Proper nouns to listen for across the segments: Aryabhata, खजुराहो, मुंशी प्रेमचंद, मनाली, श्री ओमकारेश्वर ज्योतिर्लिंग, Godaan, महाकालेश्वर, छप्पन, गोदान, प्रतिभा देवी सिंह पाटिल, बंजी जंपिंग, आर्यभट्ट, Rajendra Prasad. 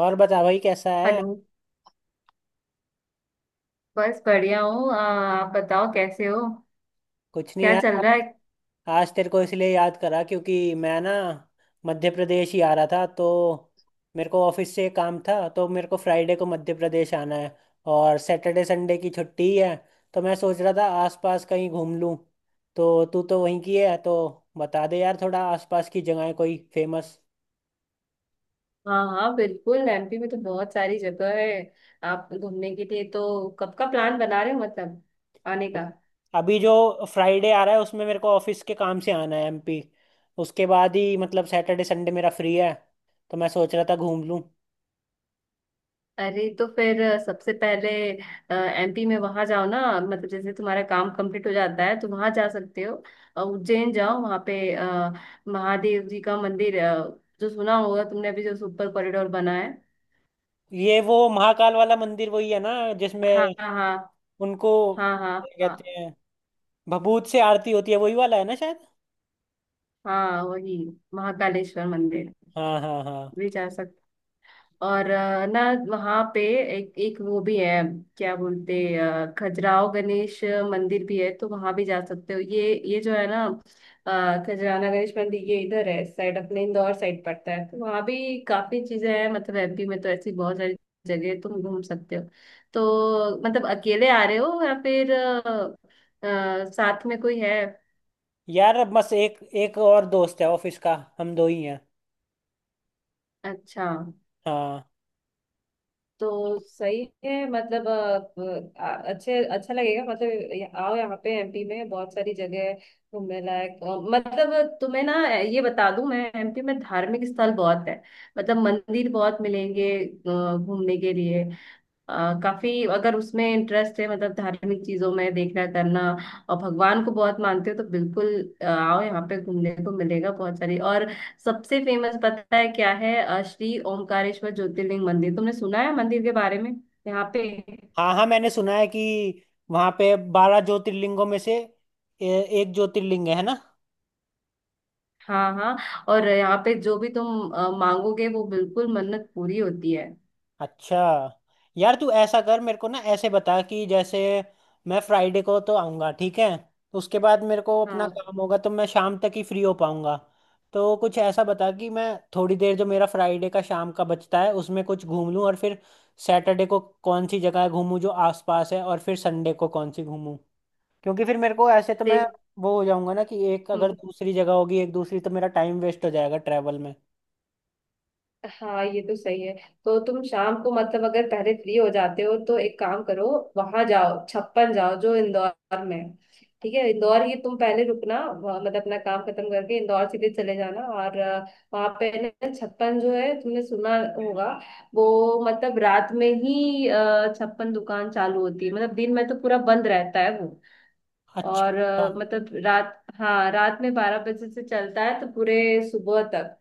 और बता भाई कैसा है। हेलो। बस बढ़िया हूँ, आप बताओ कैसे हो। कुछ नहीं क्या चल यार। रहा है। आज तेरे को इसलिए याद करा क्योंकि मैं ना मध्य प्रदेश ही आ रहा था तो मेरे को ऑफिस से काम था तो मेरे को फ्राइडे को मध्य प्रदेश आना है और सैटरडे संडे की छुट्टी है। तो मैं सोच रहा था आसपास कहीं घूम लूं। तो तू तो वहीं की है तो बता दे यार थोड़ा आसपास की जगह कोई फेमस। हाँ हाँ बिल्कुल, एमपी में तो बहुत सारी जगह है। आप घूमने के लिए तो कब का प्लान बना रहे हो, मतलब आने का? अभी जो फ्राइडे आ रहा है उसमें मेरे को ऑफिस के काम से आना है एमपी। उसके बाद ही मतलब सैटरडे संडे मेरा फ्री है तो मैं सोच रहा था घूम लूं। अरे तो फिर सबसे पहले एमपी में वहां जाओ ना, मतलब जैसे तुम्हारा काम कंप्लीट हो जाता है तो वहां जा सकते हो। उज्जैन जाओ, वहां पे महादेव जी का मंदिर, जो सुना होगा तुमने, अभी जो सुपर कॉरिडोर बना है। ये वो महाकाल वाला मंदिर वही है ना जिसमें हाँ हाँ उनको हाँ। हाँ क्या हाँ कहते हैं भभूत से आरती होती है वही वाला है ना शायद। हाँ। वही महाकालेश्वर मंदिर हाँ हाँ हाँ। भी जा सकते। और ना वहाँ पे एक एक वो भी है, क्या बोलते, खजुराहो गणेश मंदिर भी है तो वहाँ भी जा सकते हो। ये जो है ना, खजुराना गणेश मंदिर, ये इधर है साइड, अपने इंदौर साइड पड़ता है, तो वहाँ भी काफी चीजें हैं। मतलब एमपी में तो ऐसी बहुत सारी जगह है, तुम घूम सकते हो। तो मतलब अकेले आ रहे हो या फिर साथ में कोई है? यार अब बस एक एक और दोस्त है ऑफिस का, हम दो ही हैं। अच्छा। हाँ तो सही है, मतलब अच्छे अच्छा लगेगा, मतलब आओ यहाँ पे, एमपी में बहुत सारी जगह है घूमने लायक। मतलब तुम्हें ना ये बता दूं, मैं एमपी में धार्मिक स्थल बहुत है, मतलब मंदिर बहुत मिलेंगे घूमने के लिए। अ, काफी, अगर उसमें इंटरेस्ट है, मतलब धार्मिक चीजों में देखना करना और भगवान को बहुत मानते हो, तो बिल्कुल आओ यहाँ पे, घूमने को मिलेगा बहुत सारी। और सबसे फेमस पता है क्या है? श्री ओमकारेश्वर ज्योतिर्लिंग मंदिर। तुमने सुना है मंदिर के बारे में, यहाँ पे? हाँ हाँ। मैंने सुना है कि वहां पे 12 ज्योतिर्लिंगों में से ए, एक ज्योतिर्लिंग है ना। हाँ हाँ, और यहाँ पे जो भी तुम मांगोगे वो बिल्कुल मन्नत पूरी होती है। अच्छा। यार तू ऐसा कर मेरे को ना ऐसे बता कि जैसे मैं फ्राइडे को तो आऊँगा ठीक है। उसके बाद मेरे को अपना हाँ। काम होगा तो मैं शाम तक ही फ्री हो पाऊँगा। तो कुछ ऐसा बता कि मैं थोड़ी देर जो मेरा फ्राइडे का शाम का बचता है उसमें कुछ घूम लूँ और फिर सैटरडे को कौन सी जगह घूमूँ जो आसपास है और फिर संडे को कौन सी घूमूँ। क्योंकि फिर मेरे को ऐसे तो मैं देख। वो हो जाऊँगा ना कि एक अगर हम्म। दूसरी जगह होगी एक दूसरी तो मेरा टाइम वेस्ट हो जाएगा ट्रैवल में। हाँ ये तो सही है। तो तुम शाम को, मतलब अगर पहले फ्री हो जाते हो तो एक काम करो, वहां जाओ छप्पन जाओ जो इंदौर में है। ठीक है, इंदौर ही तुम पहले रुकना। मतलब अपना काम खत्म करके इंदौर सीधे चले जाना, और वहां पे ना छप्पन जो है, तुमने सुना होगा वो। मतलब रात में ही छप्पन दुकान चालू होती है, मतलब दिन में तो पूरा बंद रहता है वो। और अच्छा मतलब रात, हाँ, रात में 12 बजे से चलता है तो पूरे सुबह तक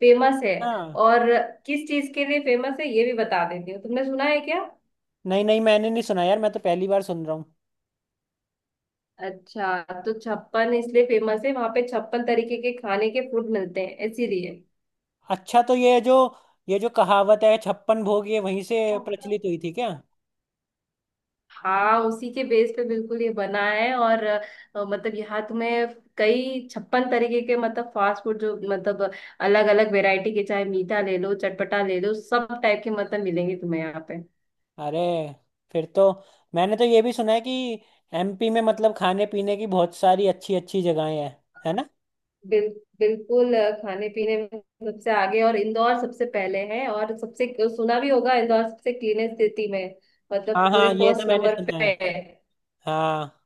फेमस है। अच्छा। और किस चीज के लिए फेमस है, ये भी बता देती हूँ। तुमने सुना है क्या? नहीं नहीं मैंने नहीं सुना यार मैं तो पहली बार सुन रहा हूँ। अच्छा, तो छप्पन इसलिए फेमस है, वहां पे छप्पन तरीके के खाने के फूड मिलते हैं, इसीलिए। अच्छा तो ये जो कहावत है छप्पन भोग ये वहीं से प्रचलित हुई थी क्या। हाँ, उसी के बेस पे बिल्कुल ये बना है। और मतलब यहाँ तुम्हें कई छप्पन तरीके के, मतलब फास्ट फूड, जो मतलब अलग अलग वैरायटी के, चाहे मीठा ले लो चटपटा ले लो, सब टाइप के मतलब मिलेंगे तुम्हें यहाँ पे। अरे फिर तो मैंने तो ये भी सुना है कि एमपी में मतलब खाने पीने की बहुत सारी अच्छी अच्छी जगहें हैं, है ना। बिल, बिल्कुल खाने पीने में सबसे आगे, और इंदौर सबसे पहले है, और सबसे, सुना भी होगा, इंदौर सबसे क्लीनेस्ट सिटी में, मतलब हाँ पूरे हाँ ये तो फर्स्ट मैंने नंबर सुना पे है। है। हाँ।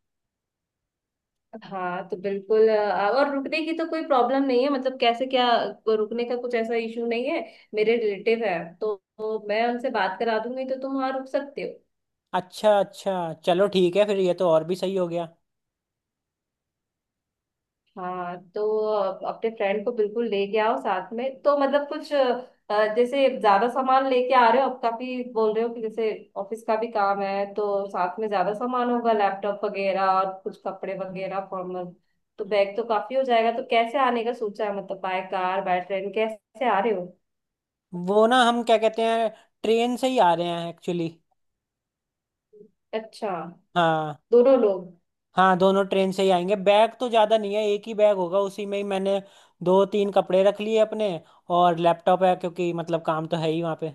हाँ तो बिल्कुल और रुकने की तो कोई प्रॉब्लम नहीं है, मतलब कैसे क्या, रुकने का कुछ ऐसा इशू नहीं है। मेरे रिलेटिव है तो मैं उनसे बात करा दूंगी, तो तुम वहाँ रुक सकते हो। अच्छा अच्छा चलो ठीक है फिर ये तो और भी सही हो गया। हाँ, तो अपने फ्रेंड को बिल्कुल लेके आओ साथ में। तो मतलब कुछ जैसे ज्यादा सामान लेके आ रहे हो, अब काफी बोल रहे हो कि जैसे ऑफिस का भी काम है, तो साथ में ज्यादा सामान होगा, लैपटॉप वगैरह और कुछ कपड़े वगैरह फॉर्मल। तो बैग तो काफी हो जाएगा। तो कैसे आने का सोचा है, मतलब बाय कार बाय ट्रेन, कैसे आ रहे हो? वो ना हम क्या कहते हैं ट्रेन से ही आ रहे हैं एक्चुअली। अच्छा। हाँ। दोनों लोग? हाँ दोनों ट्रेन से ही आएंगे, बैग तो ज़्यादा नहीं है, एक ही बैग होगा उसी में ही मैंने दो तीन कपड़े रख लिए अपने और लैपटॉप है क्योंकि मतलब काम तो है ही वहाँ पे।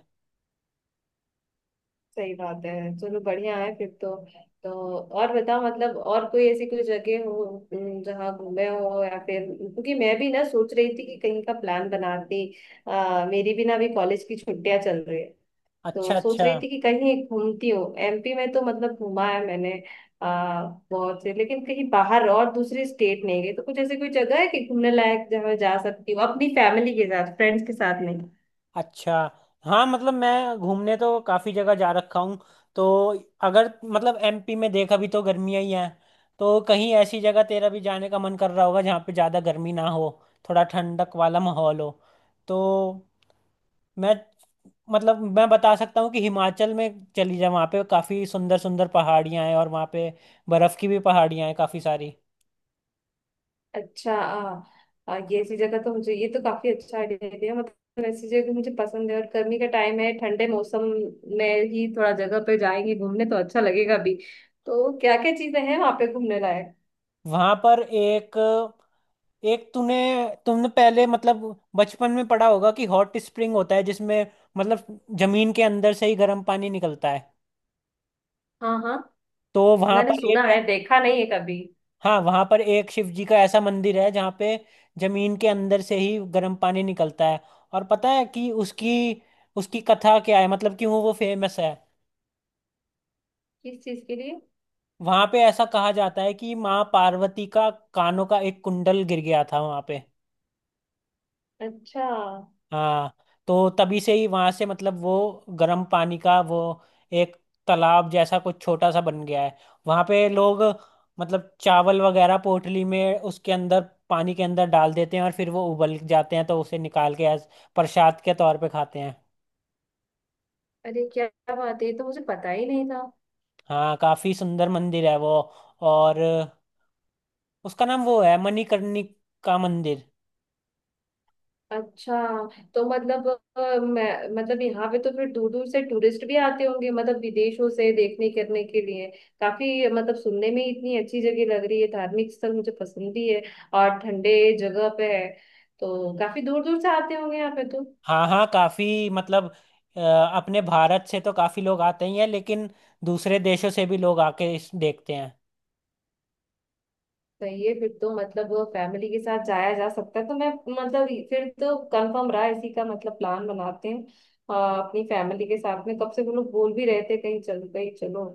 सही बात है, चलो बढ़िया है फिर तो। तो और बताओ, मतलब और कोई ऐसी कोई जगह हो जहाँ घूमे हो, या फिर, क्योंकि मैं भी ना सोच रही थी कि कहीं का प्लान बनाती। मेरी भी ना अभी कॉलेज की छुट्टियां चल रही है, तो अच्छा सोच अच्छा रही थी कि कहीं घूमती हूँ। एमपी में तो मतलब घूमा है मैंने आ, बहुत से, लेकिन कहीं बाहर और दूसरी स्टेट नहीं गई। तो कुछ ऐसी कोई जगह है कि घूमने लायक जहाँ मैं जा सकती हूँ अपनी फैमिली के साथ, फ्रेंड्स के साथ? अच्छा। हाँ मतलब मैं घूमने तो काफ़ी जगह जा रखा हूँ तो अगर मतलब एमपी में देखा भी तो गर्मियाँ ही हैं तो कहीं ऐसी जगह तेरा भी जाने का मन कर रहा होगा जहाँ पे ज़्यादा गर्मी ना हो थोड़ा ठंडक वाला माहौल हो। तो मैं मतलब मैं बता सकता हूँ कि हिमाचल में चली जा वहाँ पे काफ़ी सुंदर सुंदर पहाड़ियाँ हैं और वहाँ पे बर्फ़ की भी पहाड़ियाँ हैं काफ़ी सारी। अच्छा। आ, आ, ये ऐसी जगह तो, मुझे ये तो काफी अच्छा आइडिया दिया, मतलब ऐसी जगह मुझे पसंद है। और गर्मी का टाइम है, ठंडे मौसम में ही थोड़ा जगह पे जाएंगे घूमने तो अच्छा लगेगा भी। तो क्या क्या चीजें हैं वहां पे घूमने लायक? वहाँ पर एक, एक तूने तुमने पहले मतलब बचपन में पढ़ा होगा कि हॉट स्प्रिंग होता है जिसमें मतलब जमीन के अंदर से ही गर्म पानी निकलता है। हाँ हाँ, तो वहाँ मैंने पर सुना एक, है, देखा नहीं है कभी। हाँ, वहाँ पर एक शिव जी का ऐसा मंदिर है जहाँ पे जमीन के अंदर से ही गर्म पानी निकलता है। और पता है कि उसकी उसकी कथा क्या है मतलब क्यों वो फेमस है। किस चीज के लिए? वहां पे ऐसा कहा जाता है कि माँ पार्वती का कानों का एक कुंडल गिर गया था वहां पे। अच्छा। हाँ। तो तभी से ही वहां से मतलब वो गर्म पानी का वो एक तालाब जैसा कुछ छोटा सा बन गया है। वहां पे लोग मतलब चावल वगैरह पोटली में उसके अंदर पानी के अंदर डाल देते हैं और फिर वो उबल जाते हैं तो उसे निकाल के एज प्रसाद के तौर पे खाते हैं। अरे क्या बात है, ये तो मुझे पता ही नहीं था। हाँ काफी सुंदर मंदिर है वो और उसका नाम वो है मणिकर्णिका मंदिर। अच्छा। तो मतलब मैं मतलब, यहाँ पे तो फिर दूर दूर से टूरिस्ट भी आते होंगे, मतलब विदेशों से देखने करने के लिए। काफी मतलब सुनने में इतनी अच्छी जगह लग रही है, धार्मिक स्थल मुझे पसंद भी है, और ठंडे जगह पे है, तो काफी दूर दूर से आते होंगे यहाँ पे तो। हाँ हाँ काफी मतलब अपने भारत से तो काफी लोग आते ही हैं लेकिन दूसरे देशों से भी लोग आके इस देखते हैं। सही है फिर तो, मतलब फैमिली के साथ जाया जा सकता है। तो मैं मतलब फिर तो कंफर्म रहा इसी का, मतलब प्लान बनाते हैं अपनी फैमिली के साथ में। कब से वो लोग बोल भी रहे थे कहीं चलो कहीं चलो,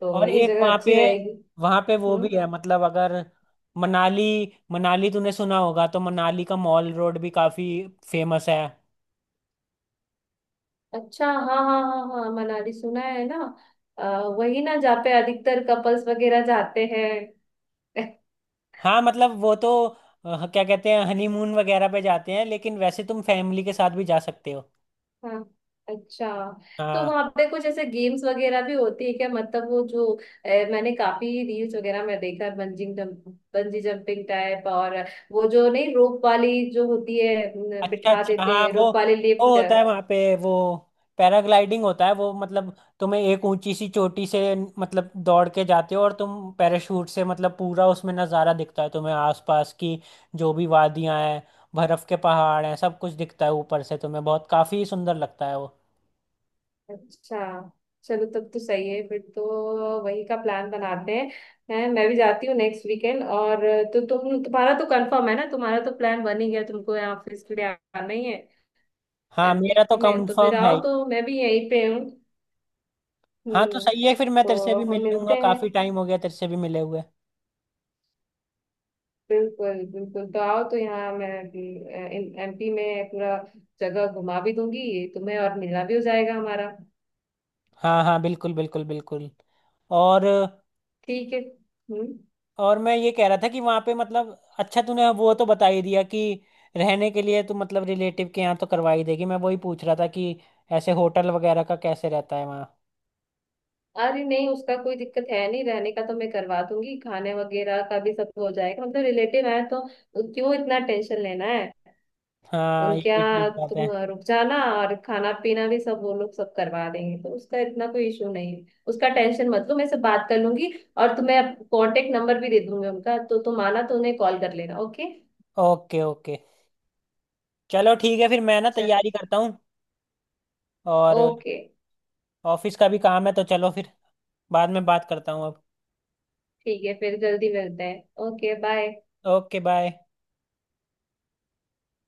तो और ये एक जगह वहाँ पे अच्छी रहेगी। वहाँ पे वो हम्म। भी है मतलब अगर मनाली मनाली तूने सुना होगा तो मनाली का मॉल रोड भी काफी फेमस है। अच्छा, हाँ हाँ हाँ हाँ, मनाली सुना है ना। वही ना जहाँ पे अधिकतर कपल्स वगैरह जाते हैं। हाँ मतलब वो तो क्या कहते हैं हनीमून वगैरह पे जाते हैं लेकिन वैसे तुम फैमिली के साथ भी जा सकते हो। हाँ। अच्छा, तो हाँ। वहाँ पे कुछ ऐसे गेम्स वगैरह भी होती है क्या? मतलब वो जो, मैंने काफी रील्स वगैरह में देखा है, bungeeing jump बंजी जंपिंग type. और वो जो नहीं रोप वाली जो होती है न, अच्छा बिठा अच्छा देते हाँ हैं, वो रोप वाली वो लिफ्ट। होता है वहाँ पे वो पैराग्लाइडिंग होता है वो मतलब तुम्हें एक ऊंची सी चोटी से मतलब दौड़ के जाते हो और तुम पैराशूट से मतलब पूरा उसमें नज़ारा दिखता है तुम्हें आसपास की जो भी वादियाँ हैं बर्फ के पहाड़ हैं सब कुछ दिखता है ऊपर से तुम्हें बहुत काफ़ी सुंदर लगता है वो। अच्छा। चलो तब तो सही है फिर तो, वही का प्लान बनाते हैं। हैं, मैं भी जाती हूँ नेक्स्ट वीकेंड। और तो तुम्हारा तो कंफर्म है ना, तुम्हारा तो प्लान बन ही गया, तुमको यहाँ ऑफिस के लिए आना ही है, हाँ मेरा तो एमपी में। तो फिर कंफर्म है आओ, ही। तो मैं भी यहीं पे हूँ। हाँ तो हम्म। सही है फिर मैं तेरे से तो भी हम मिल लूंगा मिलते हैं। काफ़ी टाइम हो गया तेरे से भी मिले हुए। बिल्कुल बिल्कुल, तो आओ तो यहाँ मैं एमपी में पूरा जगह घुमा भी दूंगी तुम्हें, और मिलना भी हो जाएगा हमारा। हाँ हाँ बिल्कुल बिल्कुल बिल्कुल। और ठीक है। हम्म। और मैं ये कह रहा था कि वहां पे मतलब अच्छा तूने वो तो बता ही दिया कि रहने के लिए तू मतलब रिलेटिव के यहाँ तो करवा ही देगी मैं वही पूछ रहा था कि ऐसे होटल वगैरह का कैसे रहता है वहाँ। अरे नहीं, उसका कोई दिक्कत है नहीं, रहने का तो मैं करवा दूंगी, खाने वगैरह का भी सब हो जाएगा, मतलब रिलेटिव है तो क्यों इतना टेंशन लेना है। हाँ ये उनके भी ठीक यहाँ बात तुम है। रुक जाना और खाना पीना भी सब वो लोग सब करवा देंगे, तो उसका इतना कोई इशू नहीं है, उसका टेंशन मत लो, मैं से बात कर लूंगी। और तुम्हें कांटेक्ट नंबर भी दे दूंगी उनका, तो तुम आना तो उन्हें कॉल कर लेना। ओके। Okay okay. चलो ठीक है फिर मैं ना चल। तैयारी करता हूँ और ओके। ऑफिस का भी काम है तो चलो फिर बाद में बात करता हूँ अब। ठीक है, फिर जल्दी मिलते हैं, ओके बाय। Okay bye.